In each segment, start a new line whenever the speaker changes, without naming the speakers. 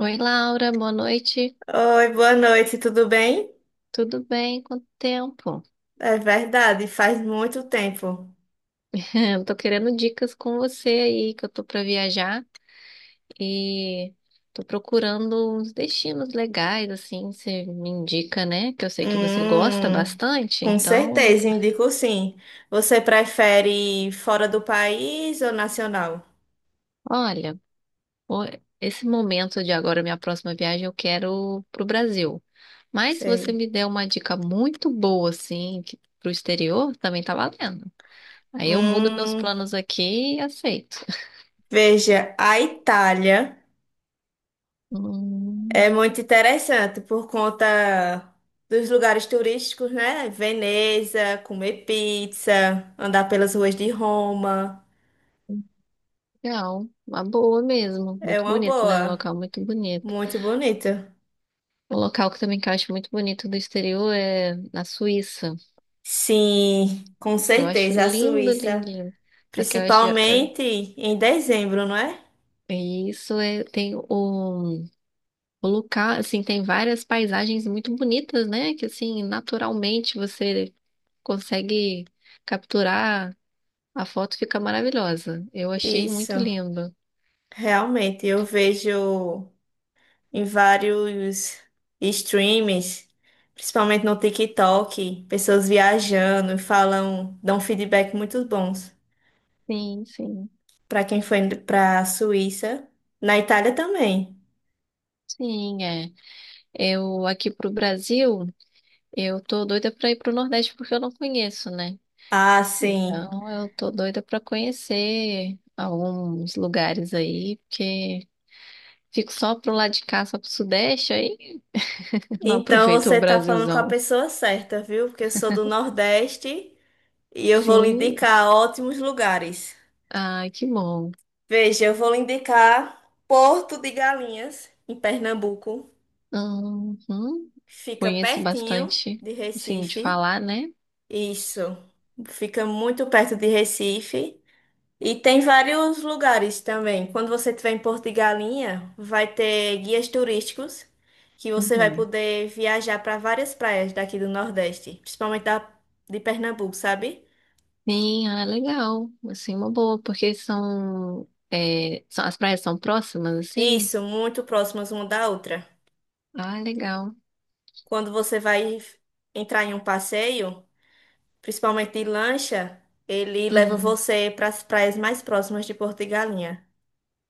Oi, Laura, boa noite.
Oi, boa noite, tudo bem?
Tudo bem? Quanto tempo?
É verdade, faz muito tempo.
Eu tô querendo dicas com você aí, que eu tô pra viajar e tô procurando uns destinos legais, assim, você me indica, né? Que eu sei que você gosta
Hum,
bastante.
com
Então,
certeza, indico sim. Você prefere fora do país ou nacional?
olha, o- esse momento de agora, minha próxima viagem, eu quero pro Brasil. Mas se você
Sei.
me der uma dica muito boa, assim, que, pro exterior, também tá valendo. Aí eu mudo meus
Hum,
planos aqui e aceito.
veja, a Itália é
Hum.
muito interessante por conta dos lugares turísticos, né? Veneza, comer pizza, andar pelas ruas de Roma.
Legal, uma boa mesmo.
É
Muito
uma
bonito, né? Um
boa,
local muito bonito.
muito bonita.
Um local que também que eu acho muito bonito do exterior é na Suíça.
Sim, com
Eu acho
certeza, a
lindo, lindo,
Suíça,
lindo. Só que eu acho. eh,
principalmente em dezembro, não é?
eh, Isso é, tem o local, assim, tem várias paisagens muito bonitas, né? Que assim, naturalmente você consegue capturar, a foto fica maravilhosa. Eu achei muito
Isso,
lindo.
realmente, eu vejo em vários streams, principalmente no TikTok, pessoas viajando e falam, dão feedback muito bons
Sim, sim,
para quem foi para a Suíça, na Itália também.
sim, é. Eu aqui pro Brasil. Eu tô doida pra ir pro Nordeste porque eu não conheço, né?
Ah, sim.
Então eu tô doida pra conhecer alguns lugares aí, porque fico só pro lado de cá, só pro Sudeste aí, não
Então
aproveito
você
o
tá falando com a
Brasilzão.
pessoa certa, viu? Porque eu sou do Nordeste. E eu vou lhe
Sim,
indicar ótimos lugares.
ai, que bom.
Veja, eu vou lhe indicar Porto de Galinhas, em Pernambuco.
Uhum.
Fica
Conheço
pertinho
bastante,
de
assim, de
Recife.
falar, né?
Isso. Fica muito perto de Recife. E tem vários lugares também. Quando você estiver em Porto de Galinha, vai ter guias turísticos que você vai
Uhum.
poder viajar para várias praias daqui do Nordeste, principalmente da, de Pernambuco, sabe?
Sim, ah, legal. Assim, uma boa, porque são, é, são as praias são próximas, assim.
Isso, muito próximas uma da outra.
Ah, legal.
Quando você vai entrar em um passeio, principalmente de lancha, ele leva
Uhum.
você para as praias mais próximas de Porto e Galinha.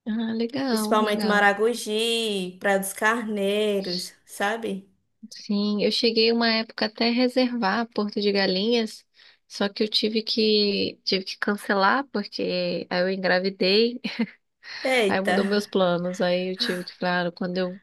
Ah, legal,
Principalmente
legal.
Maragogi, Praia dos Carneiros, sabe?
Sim, eu cheguei uma época até reservar Porto de Galinhas, só que eu tive que cancelar porque aí eu engravidei, aí
Eita!
mudou meus planos, aí eu tive que, claro, quando eu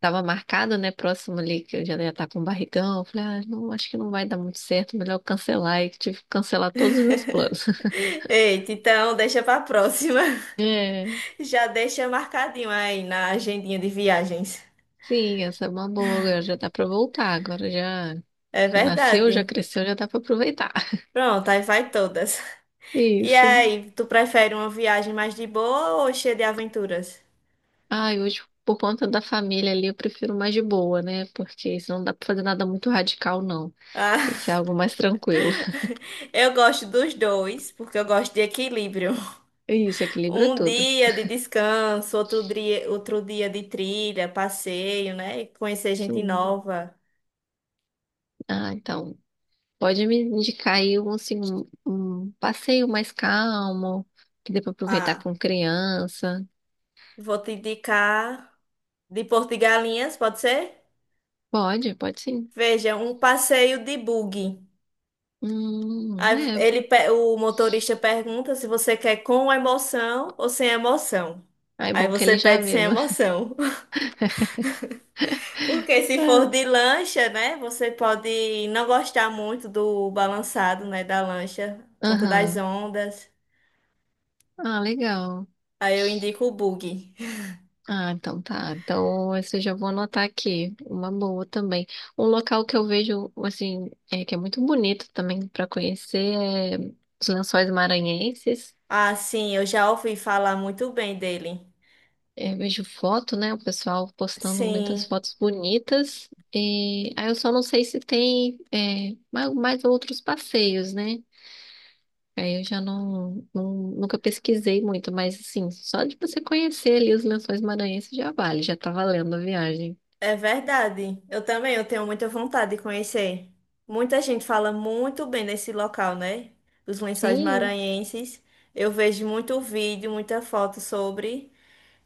tava marcado, né, próximo ali que eu já ia estar com um barrigão, eu falei, ah, não, acho que não vai dar muito certo, melhor eu cancelar, e tive que cancelar todos os meus planos.
Eita, então deixa para próxima.
É,
Já deixa marcadinho aí na agendinha de viagens.
sim, essa é uma boa, agora já dá pra voltar, agora já
É
já nasceu, já
verdade.
cresceu, já dá pra aproveitar.
Pronto, aí vai todas. E
Isso.
aí, tu prefere uma viagem mais de boa ou cheia de aventuras?
Ai, hoje, por conta da família ali, eu prefiro mais de boa, né? Porque senão não dá pra fazer nada muito radical, não. Tem que ser algo mais tranquilo.
Eu gosto dos dois, porque eu gosto de equilíbrio.
Isso, equilibra
Um
tudo.
dia de descanso, outro dia de trilha, passeio, né? Conhecer gente
Sim.
nova.
Ah, então, pode me indicar aí um passeio mais calmo, que dê pra aproveitar
Ah,
com criança.
vou te indicar de Porto de Galinhas, pode ser?
Pode, pode sim.
Veja, um passeio de buggy. Aí
É.
ele, o motorista pergunta se você quer com emoção ou sem emoção.
Ah, é
Aí
bom que
você
ele já
pede
vê,
sem
né?
emoção. Porque se for
É.
de lancha, né, você pode não gostar muito do balançado, né, da lancha, por conta das
Aham.
ondas.
Ah, legal.
Aí eu indico o bug.
Ah, então tá. Então, esse eu já vou anotar aqui. Uma boa também. Um local que eu vejo, assim, é, que é muito bonito também para conhecer é os Lençóis Maranhenses.
Ah, sim, eu já ouvi falar muito bem dele.
É, eu vejo foto, né? O pessoal postando muitas
Sim,
fotos bonitas. E aí eu só não sei se tem é, mais outros passeios, né? Aí eu já nunca pesquisei muito, mas assim, só de você conhecer ali os Lençóis Maranhenses já vale, já tá valendo a viagem.
é verdade. Eu também, eu tenho muita vontade de conhecer. Muita gente fala muito bem desse local, né? Os Lençóis
Sim.
Maranhenses. Eu vejo muito vídeo, muita foto sobre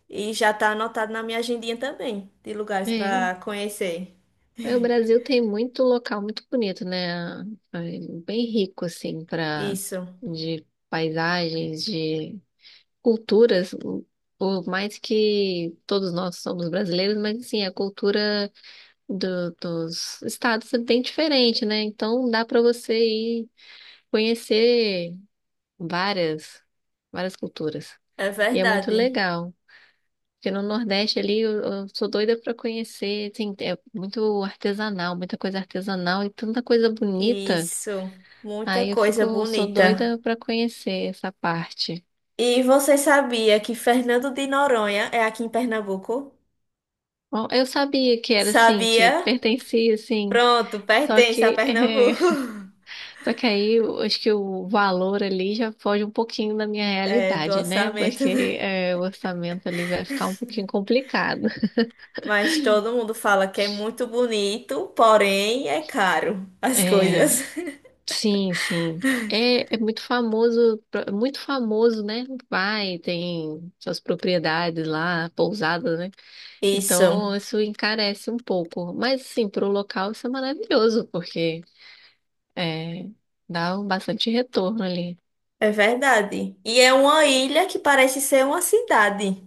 e já tá anotado na minha agendinha também de lugares
É.
para conhecer.
É, o Brasil tem muito local muito bonito, né? É bem rico, assim, para
Isso.
de paisagens, de culturas. Por mais que todos nós somos brasileiros, mas assim, a cultura dos estados é bem diferente, né? Então dá para você ir conhecer várias, várias culturas.
É
E é muito
verdade.
legal. Porque no Nordeste ali eu sou doida para conhecer, assim, é muito artesanal, muita coisa artesanal e tanta coisa bonita.
Isso. Muita
Aí eu
coisa
fico, sou
bonita.
doida para conhecer essa parte.
E você sabia que Fernando de Noronha é aqui em Pernambuco?
Bom, eu sabia que era assim, que
Sabia?
pertencia assim,
Pronto,
só
pertence a
que
Pernambuco.
só que aí eu acho que o valor ali já foge um pouquinho da minha
É do
realidade, né?
orçamento,
Porque
né?
o orçamento ali vai ficar um pouquinho complicado.
Mas todo mundo fala que é muito bonito, porém é caro as
É,
coisas.
sim, sim. É, é muito famoso, né? Vai, tem suas propriedades lá, pousadas, né? Então,
Isso,
isso encarece um pouco. Mas, assim, para o local isso é maravilhoso, porque é, dá um bastante retorno ali.
é verdade. E é uma ilha que parece ser uma cidade.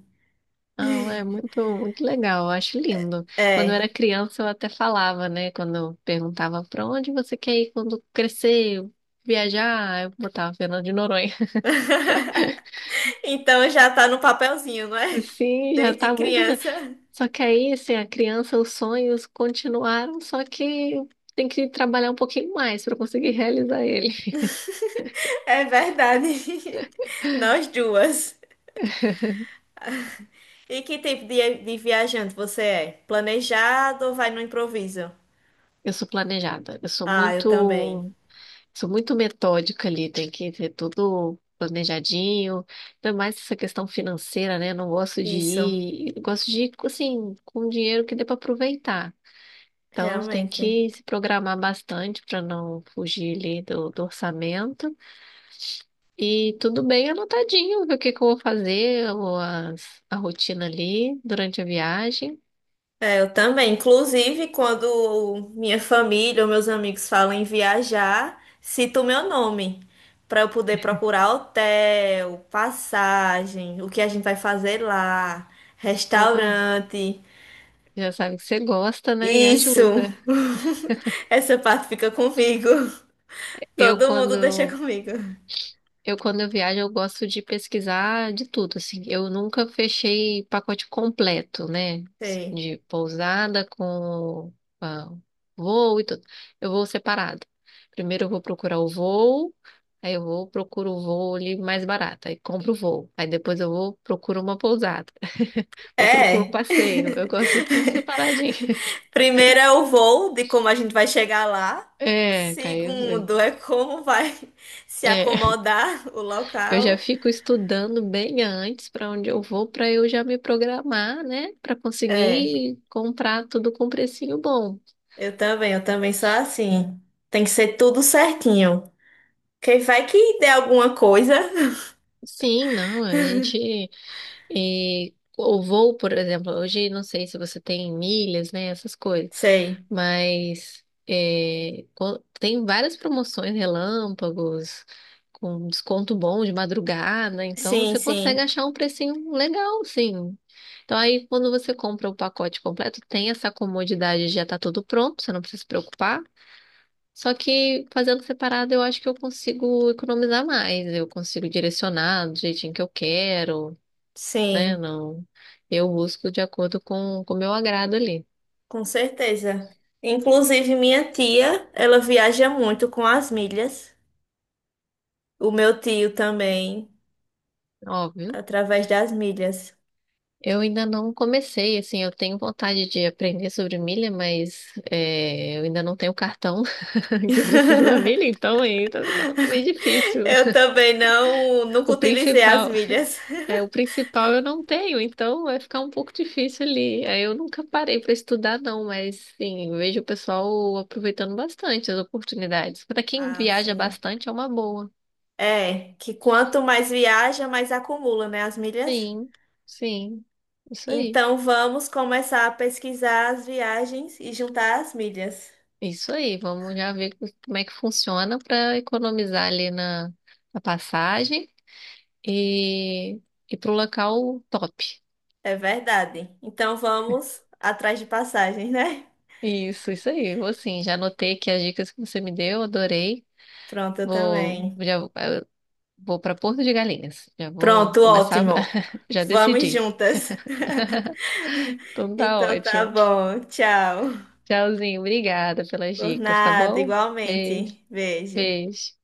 Ah, é muito, muito legal, eu acho lindo. Quando eu era
É.
criança, eu até falava, né? Quando eu perguntava para onde você quer ir quando crescer, viajar, eu botava Fernando de Noronha.
Então já tá no papelzinho, não é?
Sim, já
Desde
tá muito.
criança.
Só que aí, assim, a criança, os sonhos continuaram, só que tem que trabalhar um pouquinho mais para conseguir realizar ele.
É verdade. Nós duas. E que tipo de viajante você é? Planejado ou vai no improviso?
Eu sou planejada,
Ah, eu também.
sou muito metódica ali, tem que ter tudo planejadinho, ainda mais essa questão financeira, né? Eu não gosto de
Isso,
ir, eu gosto de ir, assim, com dinheiro que dê para aproveitar. Então, tem
realmente.
que se programar bastante para não fugir ali do orçamento. E tudo bem anotadinho, ver o que que eu vou fazer, ou a rotina ali durante a viagem.
É, eu também. Inclusive, quando minha família ou meus amigos falam em viajar, cito o meu nome para eu poder procurar hotel, passagem, o que a gente vai fazer lá,
Ó,
restaurante.
já sabe que você gosta, né? E
Isso!
ajuda.
Essa parte fica comigo.
Eu
Todo mundo deixa
quando
comigo.
eu quando eu viajo, eu gosto de pesquisar de tudo, assim. Eu nunca fechei pacote completo, né?
Sim.
De pousada com ah, voo e tudo. Eu vou separado. Primeiro eu vou procurar o voo. Aí eu vou, procuro o voo ali mais barato, aí compro o voo. Aí depois eu vou, procuro uma pousada. Eu procuro um
É.
passeio. Eu gosto de tudo separadinho.
Primeiro é o voo, de como a gente vai chegar lá.
É, Caio, eu sei.
Segundo é como vai se
É,
acomodar o
eu já
local.
fico estudando bem antes para onde eu vou, para eu já me programar, né? Para
É.
conseguir comprar tudo com precinho bom.
Eu também sou assim. Tem que ser tudo certinho. Quem vai que der alguma coisa?
Sim, não, a gente. E o voo, por exemplo, hoje não sei se você tem milhas, né? Essas coisas.
Sei.
Mas é, tem várias promoções relâmpagos, com desconto bom de madrugada, então
Sim,
você consegue
sim.
achar um precinho legal, sim. Então aí quando você compra o pacote completo, tem essa comodidade de já estar tudo pronto, você não precisa se preocupar. Só que fazendo separado, eu acho que eu consigo economizar mais, eu consigo direcionar do jeitinho que eu quero, né?
Sim,
Não, eu busco de acordo com o meu agrado ali.
com certeza. Inclusive, minha tia, ela viaja muito com as milhas. O meu tio também,
Óbvio.
através das milhas.
Eu ainda não comecei, assim, eu tenho vontade de aprender sobre milha, mas é, eu ainda não tenho o cartão que precisa da milha, então aí tá ficando meio difícil.
Eu também não, nunca
O
utilizei as
principal,
milhas.
o principal eu não tenho, então vai ficar um pouco difícil ali. Aí eu nunca parei para estudar, não, mas sim, eu vejo o pessoal aproveitando bastante as oportunidades. Para quem
Ah,
viaja
sim.
bastante é uma boa.
É, que quanto mais viaja, mais acumula, né, as milhas?
Sim, sim, isso aí.
Então vamos começar a pesquisar as viagens e juntar as milhas.
Isso aí, vamos já ver como é que funciona para economizar ali na, na passagem e ir para o local top.
É verdade. Então vamos atrás de passagens, né?
Isso aí. Vou sim, já anotei aqui as dicas que você me deu, adorei.
Pronto, eu
Vou,
também.
já, eu vou para Porto de Galinhas. Já vou
Pronto,
começar,
ótimo.
já
Vamos
decidi.
juntas.
Então tá
Então tá
ótimo.
bom. Tchau.
Tchauzinho, obrigada pelas
Por
dicas, tá
nada,
bom? Beijo,
igualmente. Beijo.
beijo.